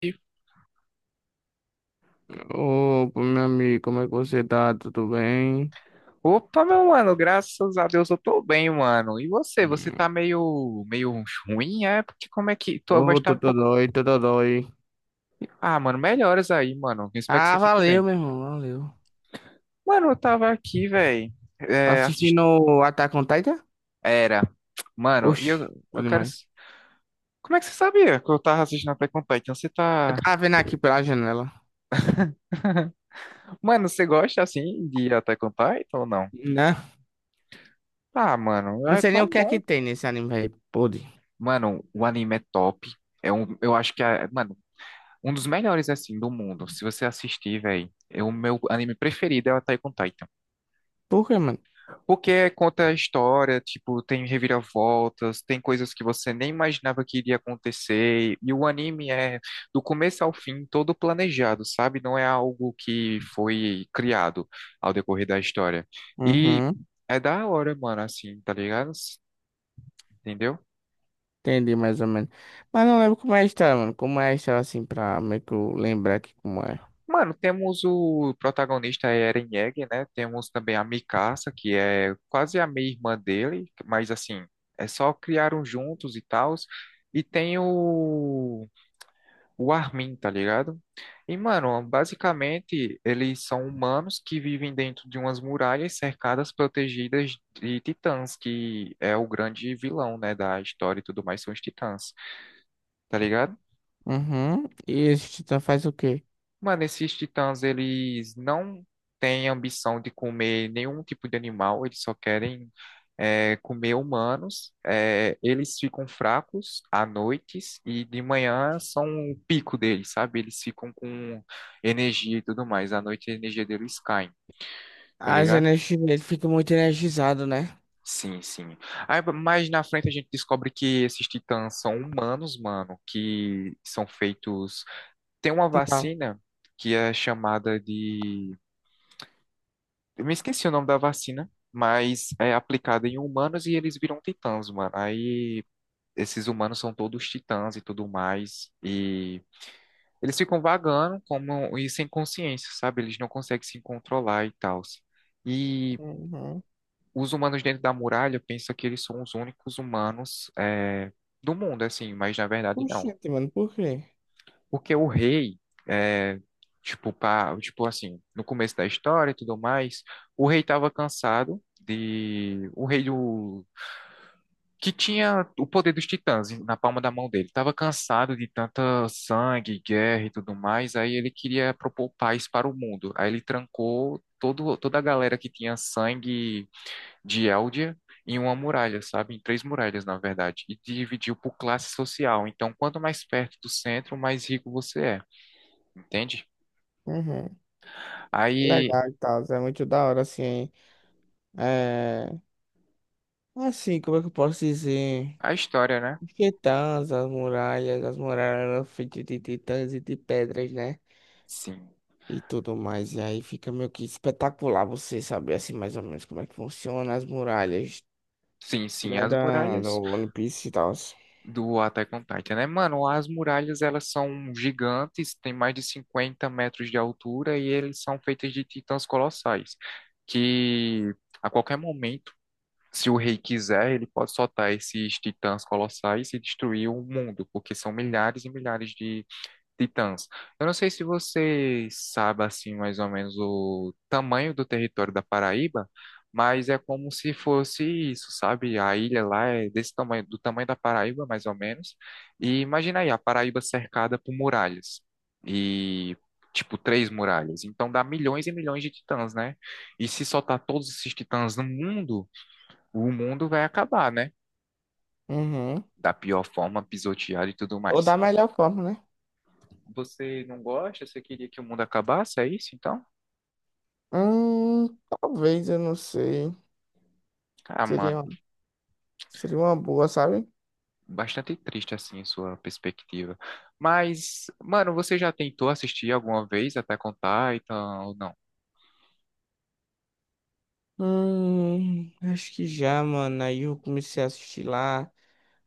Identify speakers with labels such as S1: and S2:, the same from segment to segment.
S1: E,
S2: Opa, meu amigo, como é que você tá? Tudo bem?
S1: opa, meu mano, graças a Deus eu tô bem, mano. E você? Você
S2: Hum.
S1: tá meio ruim, é? Porque como é que tua voz
S2: Ô,
S1: tá um pouco.
S2: Totodói, Totodói.
S1: Ah, mano, melhoras aí, mano. Espero que você
S2: Ah,
S1: fique
S2: valeu,
S1: bem.
S2: meu irmão, valeu.
S1: Mano, eu tava aqui, velho.
S2: Tá
S1: É, assist...
S2: assistindo o Attack on Titan?
S1: Era. Mano, e eu,
S2: Oxi, bom
S1: eu quero.
S2: demais.
S1: S- Como é que você sabia que eu tava assistindo Attack on Titan? Você
S2: Eu
S1: tá.
S2: tava vendo aqui pela janela.
S1: Mano, você gosta assim de Attack on Titan ou não?
S2: Né?
S1: Ah, mano,
S2: Não
S1: é
S2: sei nem o
S1: tão
S2: que é
S1: bom.
S2: que tem nesse anime, velho. Podre.
S1: Mano, o anime é top. É um, eu acho que é, mano, um dos melhores, assim, do mundo. Se você assistir, velho, é o meu anime preferido é o Attack on Titan.
S2: Por quê, mano?
S1: Porque conta a história, tipo, tem reviravoltas, tem coisas que você nem imaginava que iria acontecer. E o anime é, do começo ao fim, todo planejado, sabe? Não é algo que foi criado ao decorrer da história. E
S2: Uhum,
S1: é da hora, mano, assim, tá ligado? Entendeu?
S2: entendi mais ou menos. Mas não lembro como é a história, mano. Como é a história, assim, pra meio que eu lembrar aqui como é.
S1: Mano, temos o protagonista é Eren Yeager, né? Temos também a Mikasa, que é quase a meia-irmã dele, mas assim, é só criaram juntos e tals. E tem o Armin, tá ligado? E, mano, basicamente, eles são humanos que vivem dentro de umas muralhas cercadas, protegidas de titãs, que é o grande vilão, né, da história e tudo mais, são os titãs, tá ligado?
S2: Uhum. E esse titã faz o quê?
S1: Mano, esses titãs, eles não têm ambição de comer nenhum tipo de animal, eles só querem é, comer humanos. É, eles ficam fracos à noite e de manhã são o pico deles, sabe? Eles ficam com energia e tudo mais. À noite a energia deles cai, tá
S2: As
S1: ligado?
S2: energias, ele fica muito energizado, né?
S1: Sim, sim. Aí mais na frente a gente descobre que esses titãs são humanos, mano, que são feitos. Tem uma
S2: Tipo,
S1: vacina que é chamada de eu me esqueci o nome da vacina, mas é aplicada em humanos e eles viram titãs, mano. Aí esses humanos são todos titãs e tudo mais. E eles ficam vagando como e sem consciência, sabe? Eles não conseguem se controlar e tal. E
S2: uhum.
S1: os humanos dentro da muralha pensam que eles são os únicos humanos é, do mundo, assim, mas na verdade não.
S2: Oxente, mano, por quê?
S1: Porque o rei, é, tipo, pá, tipo assim, no começo da história e tudo mais, o rei estava cansado de. O rei do. Que tinha o poder dos titãs na palma da mão dele. Estava cansado de tanta sangue, guerra e tudo mais. Aí ele queria propor paz para o mundo. Aí ele trancou toda a galera que tinha sangue de Eldia em uma muralha, sabe? Em três muralhas, na verdade. E dividiu por classe social. Então, quanto mais perto do centro, mais rico você é, entende?
S2: Uhum.
S1: Aí
S2: Legal e tal, é muito da hora, assim. É... Assim, como é que eu posso dizer?
S1: a história, né?
S2: Os Titãs, as muralhas eram feitas de titãs e de pedras, né?
S1: Sim.
S2: E tudo mais. E aí fica meio que espetacular você saber, assim, mais ou menos como é que funciona as muralhas,
S1: Sim, sim,
S2: né?
S1: as
S2: Da, do
S1: muralhas
S2: One Piece e tal.
S1: do Attack on Titan, né? Mano, as muralhas elas são gigantes, tem mais de 50 metros de altura e eles são feitas de titãs colossais, que a qualquer momento, se o rei quiser, ele pode soltar esses titãs colossais e destruir o mundo, porque são milhares e milhares de titãs. Eu não sei se você sabe assim mais ou menos o tamanho do território da Paraíba, mas é como se fosse isso, sabe? A ilha lá é desse tamanho, do tamanho da Paraíba, mais ou menos. E imagina aí, a Paraíba cercada por muralhas. E tipo três muralhas. Então dá milhões e milhões de titãs, né? E se soltar todos esses titãs no mundo, o mundo vai acabar, né?
S2: Uhum.
S1: Da pior forma, pisoteado e tudo
S2: Ou
S1: mais.
S2: da melhor forma, né?
S1: Você não gosta? Você queria que o mundo acabasse? É isso, então?
S2: Hum, talvez, eu não sei.
S1: Ah, mano,
S2: Seria, seria uma boa, sabe?
S1: bastante triste assim a sua perspectiva. Mas, mano, você já tentou assistir alguma vez Attack on Titan ou não?
S2: Acho que já, mano. Aí eu comecei a assistir lá.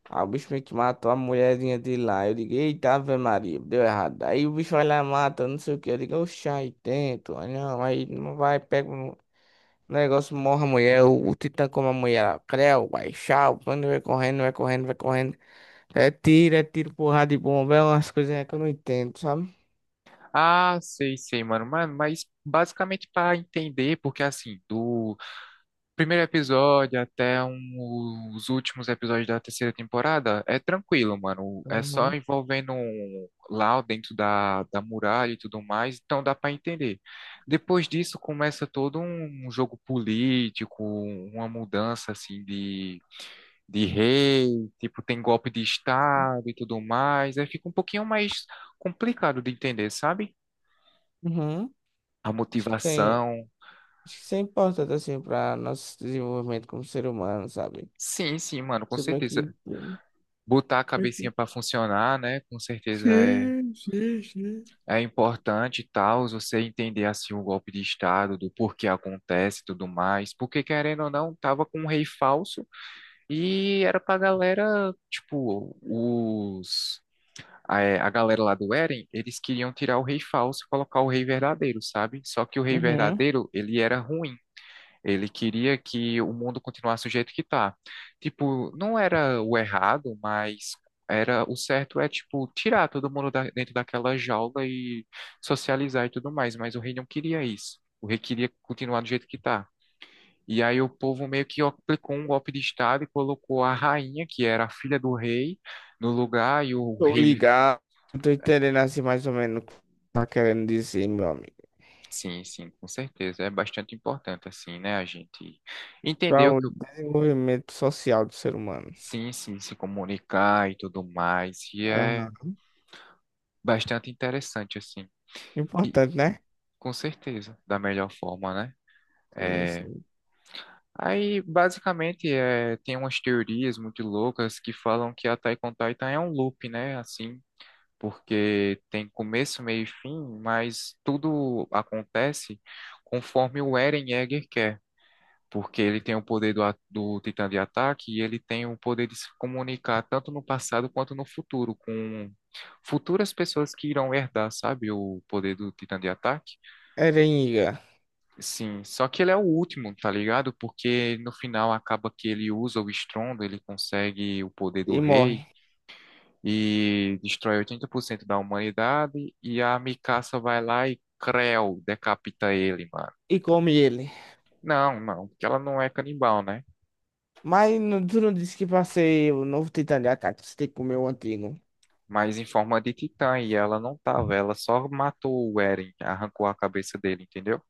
S2: Aí o bicho meio que matou a mulherzinha dele lá. Eu digo, eita, Ave Maria, deu errado. Aí o bicho vai lá, mata, não sei o que. Eu digo, oxa, aí tento. Aí não vai, pega um negócio, morre a mulher. O titã come a mulher lá. Creu, vai, tchau. Quando vai correndo, vai correndo, vai correndo. É tiro, porrada de bomba. É umas coisinhas que eu não entendo, sabe?
S1: Ah, sei, sei, mano. Mas basicamente para entender, porque assim, do primeiro episódio até um- os últimos episódios da terceira temporada é tranquilo, mano. É só
S2: Uhum.
S1: envolvendo um lá dentro da, da muralha e tudo mais, então dá pra entender. Depois disso começa todo um jogo político, uma mudança assim de, rei, tipo tem golpe de estado e tudo mais. Aí fica um pouquinho mais complicado de entender, sabe?
S2: Uhum.
S1: A
S2: Acho que tem,
S1: motivação.
S2: acho que isso é importante, assim, para nosso desenvolvimento como ser humano, sabe?
S1: Sim, sim, mano, com
S2: Você vai
S1: certeza.
S2: aqui.
S1: Botar a cabecinha
S2: Aqui.
S1: para funcionar, né? Com certeza é,
S2: Sim, sim, sim.
S1: é importante e tal, você entender assim o golpe de estado, do porquê acontece e tudo mais, porque querendo ou não, tava com um rei falso e era pra galera, tipo, os a, é, a galera lá do Eren, eles queriam tirar o rei falso e colocar o rei verdadeiro, sabe? Só que o rei
S2: Uhum.
S1: verdadeiro, ele era ruim. Ele queria que o mundo continuasse do jeito que tá. Tipo, não era o errado, mas era o certo é, tipo, tirar todo mundo da- dentro daquela jaula e socializar e tudo mais. Mas o rei não queria isso. O rei queria continuar do jeito que tá. E aí o povo meio que aplicou um golpe de estado e colocou a rainha, que era a filha do rei, no lugar e o
S2: Tô
S1: rei.
S2: ligado. Tô entendendo assim mais ou menos o que tá querendo dizer, meu amigo.
S1: Sim, sim, com certeza. É bastante importante, assim, né? A gente
S2: Para
S1: entendeu
S2: o
S1: que
S2: desenvolvimento social do ser humano.
S1: sim, sim, se comunicar e tudo mais. E
S2: Aham.
S1: é bastante interessante, assim. E
S2: Importante, né?
S1: com certeza, da melhor forma, né?
S2: Sim,
S1: É...
S2: sim.
S1: Aí, basicamente, é... tem umas teorias muito loucas que falam que a Taekwondo Titan é um loop, né? Assim, porque tem começo, meio e fim, mas tudo acontece conforme o Eren Yeager quer. Porque ele tem o poder do, a- do Titã de ataque e ele tem o poder de se comunicar tanto no passado quanto no futuro, com futuras pessoas que irão herdar, sabe, o poder do Titã de ataque.
S2: Erenga.
S1: Sim, só que ele é o último, tá ligado? Porque no final acaba que ele usa o estrondo, ele consegue o poder do
S2: E
S1: rei
S2: morre.
S1: e destrói 80% da humanidade e a Mikasa vai lá e Creu decapita ele, mano.
S2: E come ele.
S1: Não, não, porque ela não é canibal, né?
S2: Mas não, tu não disse que pra ser o novo Titã de Ataque, você tem que comer o antigo?
S1: Mas em forma de titã, e ela não tava, ela só matou o Eren, arrancou a cabeça dele, entendeu?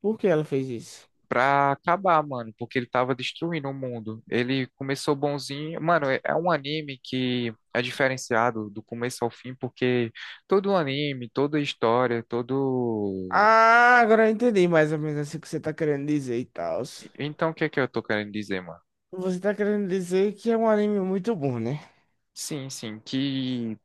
S2: Por que ela fez isso?
S1: Pra acabar, mano, porque ele tava destruindo o mundo. Ele começou bonzinho. Mano, é um anime que é diferenciado do começo ao fim, porque todo anime, toda história, todo.
S2: Ah, agora eu entendi mais ou menos assim o que você tá querendo dizer e tal.
S1: Então, o que é que eu tô querendo dizer, mano?
S2: Você tá querendo dizer que é um anime muito bom, né?
S1: Sim, sim, que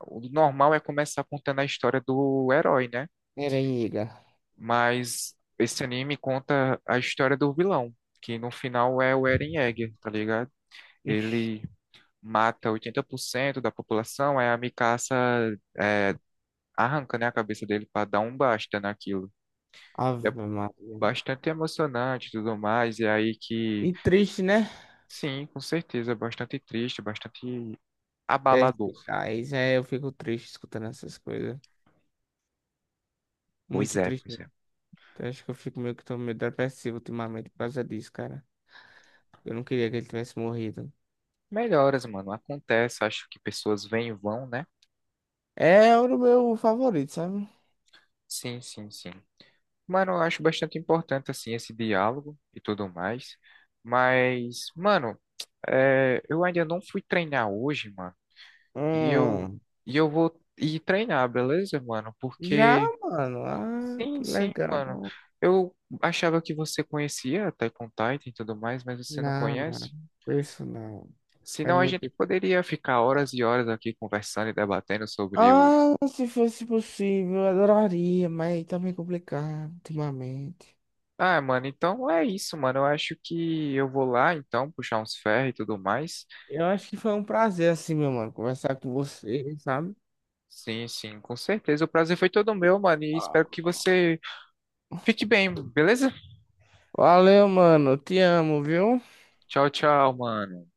S1: o normal é começar contando a história do herói, né?
S2: Eren Yeager.
S1: Mas esse anime conta a história do vilão, que no final é o Eren Yeager, tá ligado?
S2: Ixi,
S1: Ele mata 80% da população, aí a Mikasa é, arranca, né, a cabeça dele pra dar um basta naquilo. É
S2: Ave Maria.
S1: bastante emocionante e tudo mais, e é aí que,
S2: E triste, né?
S1: sim, com certeza, é bastante triste, bastante abalador.
S2: Perspicaz. É, eu fico triste escutando essas coisas.
S1: Pois
S2: Muito
S1: é,
S2: triste
S1: pois é.
S2: mesmo. Eu acho que eu fico meio que tô meio depressivo ultimamente por causa disso, cara. Eu não queria que ele tivesse morrido.
S1: Melhoras, mano, acontece, acho que pessoas vêm e vão, né?
S2: É o meu favorito, sabe?
S1: Sim, sim, sim. Mano, eu acho bastante importante, assim, esse diálogo e tudo mais. Mas, mano, é, eu ainda não fui treinar hoje, mano. E eu,
S2: Hum.
S1: e eu vou ir treinar, beleza, mano?
S2: Já,
S1: Porque,
S2: mano. Ah, que
S1: sim, sim, mano.
S2: legal.
S1: Eu achava que você conhecia Attack on Titan e tudo mais, mas você não
S2: Não, não.
S1: conhece.
S2: Isso não. É
S1: Senão a
S2: muito.
S1: gente poderia ficar horas e horas aqui conversando e debatendo sobre o...
S2: Ah, se fosse possível, eu adoraria, mas tá meio complicado ultimamente.
S1: Ah, mano, então é isso, mano. Eu acho que eu vou lá, então, puxar uns ferros e tudo mais.
S2: Eu acho que foi um prazer, assim, meu mano, conversar com você, sabe?
S1: Sim, sim, com certeza. O prazer foi todo meu, mano. E espero
S2: Ah,
S1: que você fique bem, beleza?
S2: valeu, mano. Te amo, viu?
S1: Tchau, tchau, mano.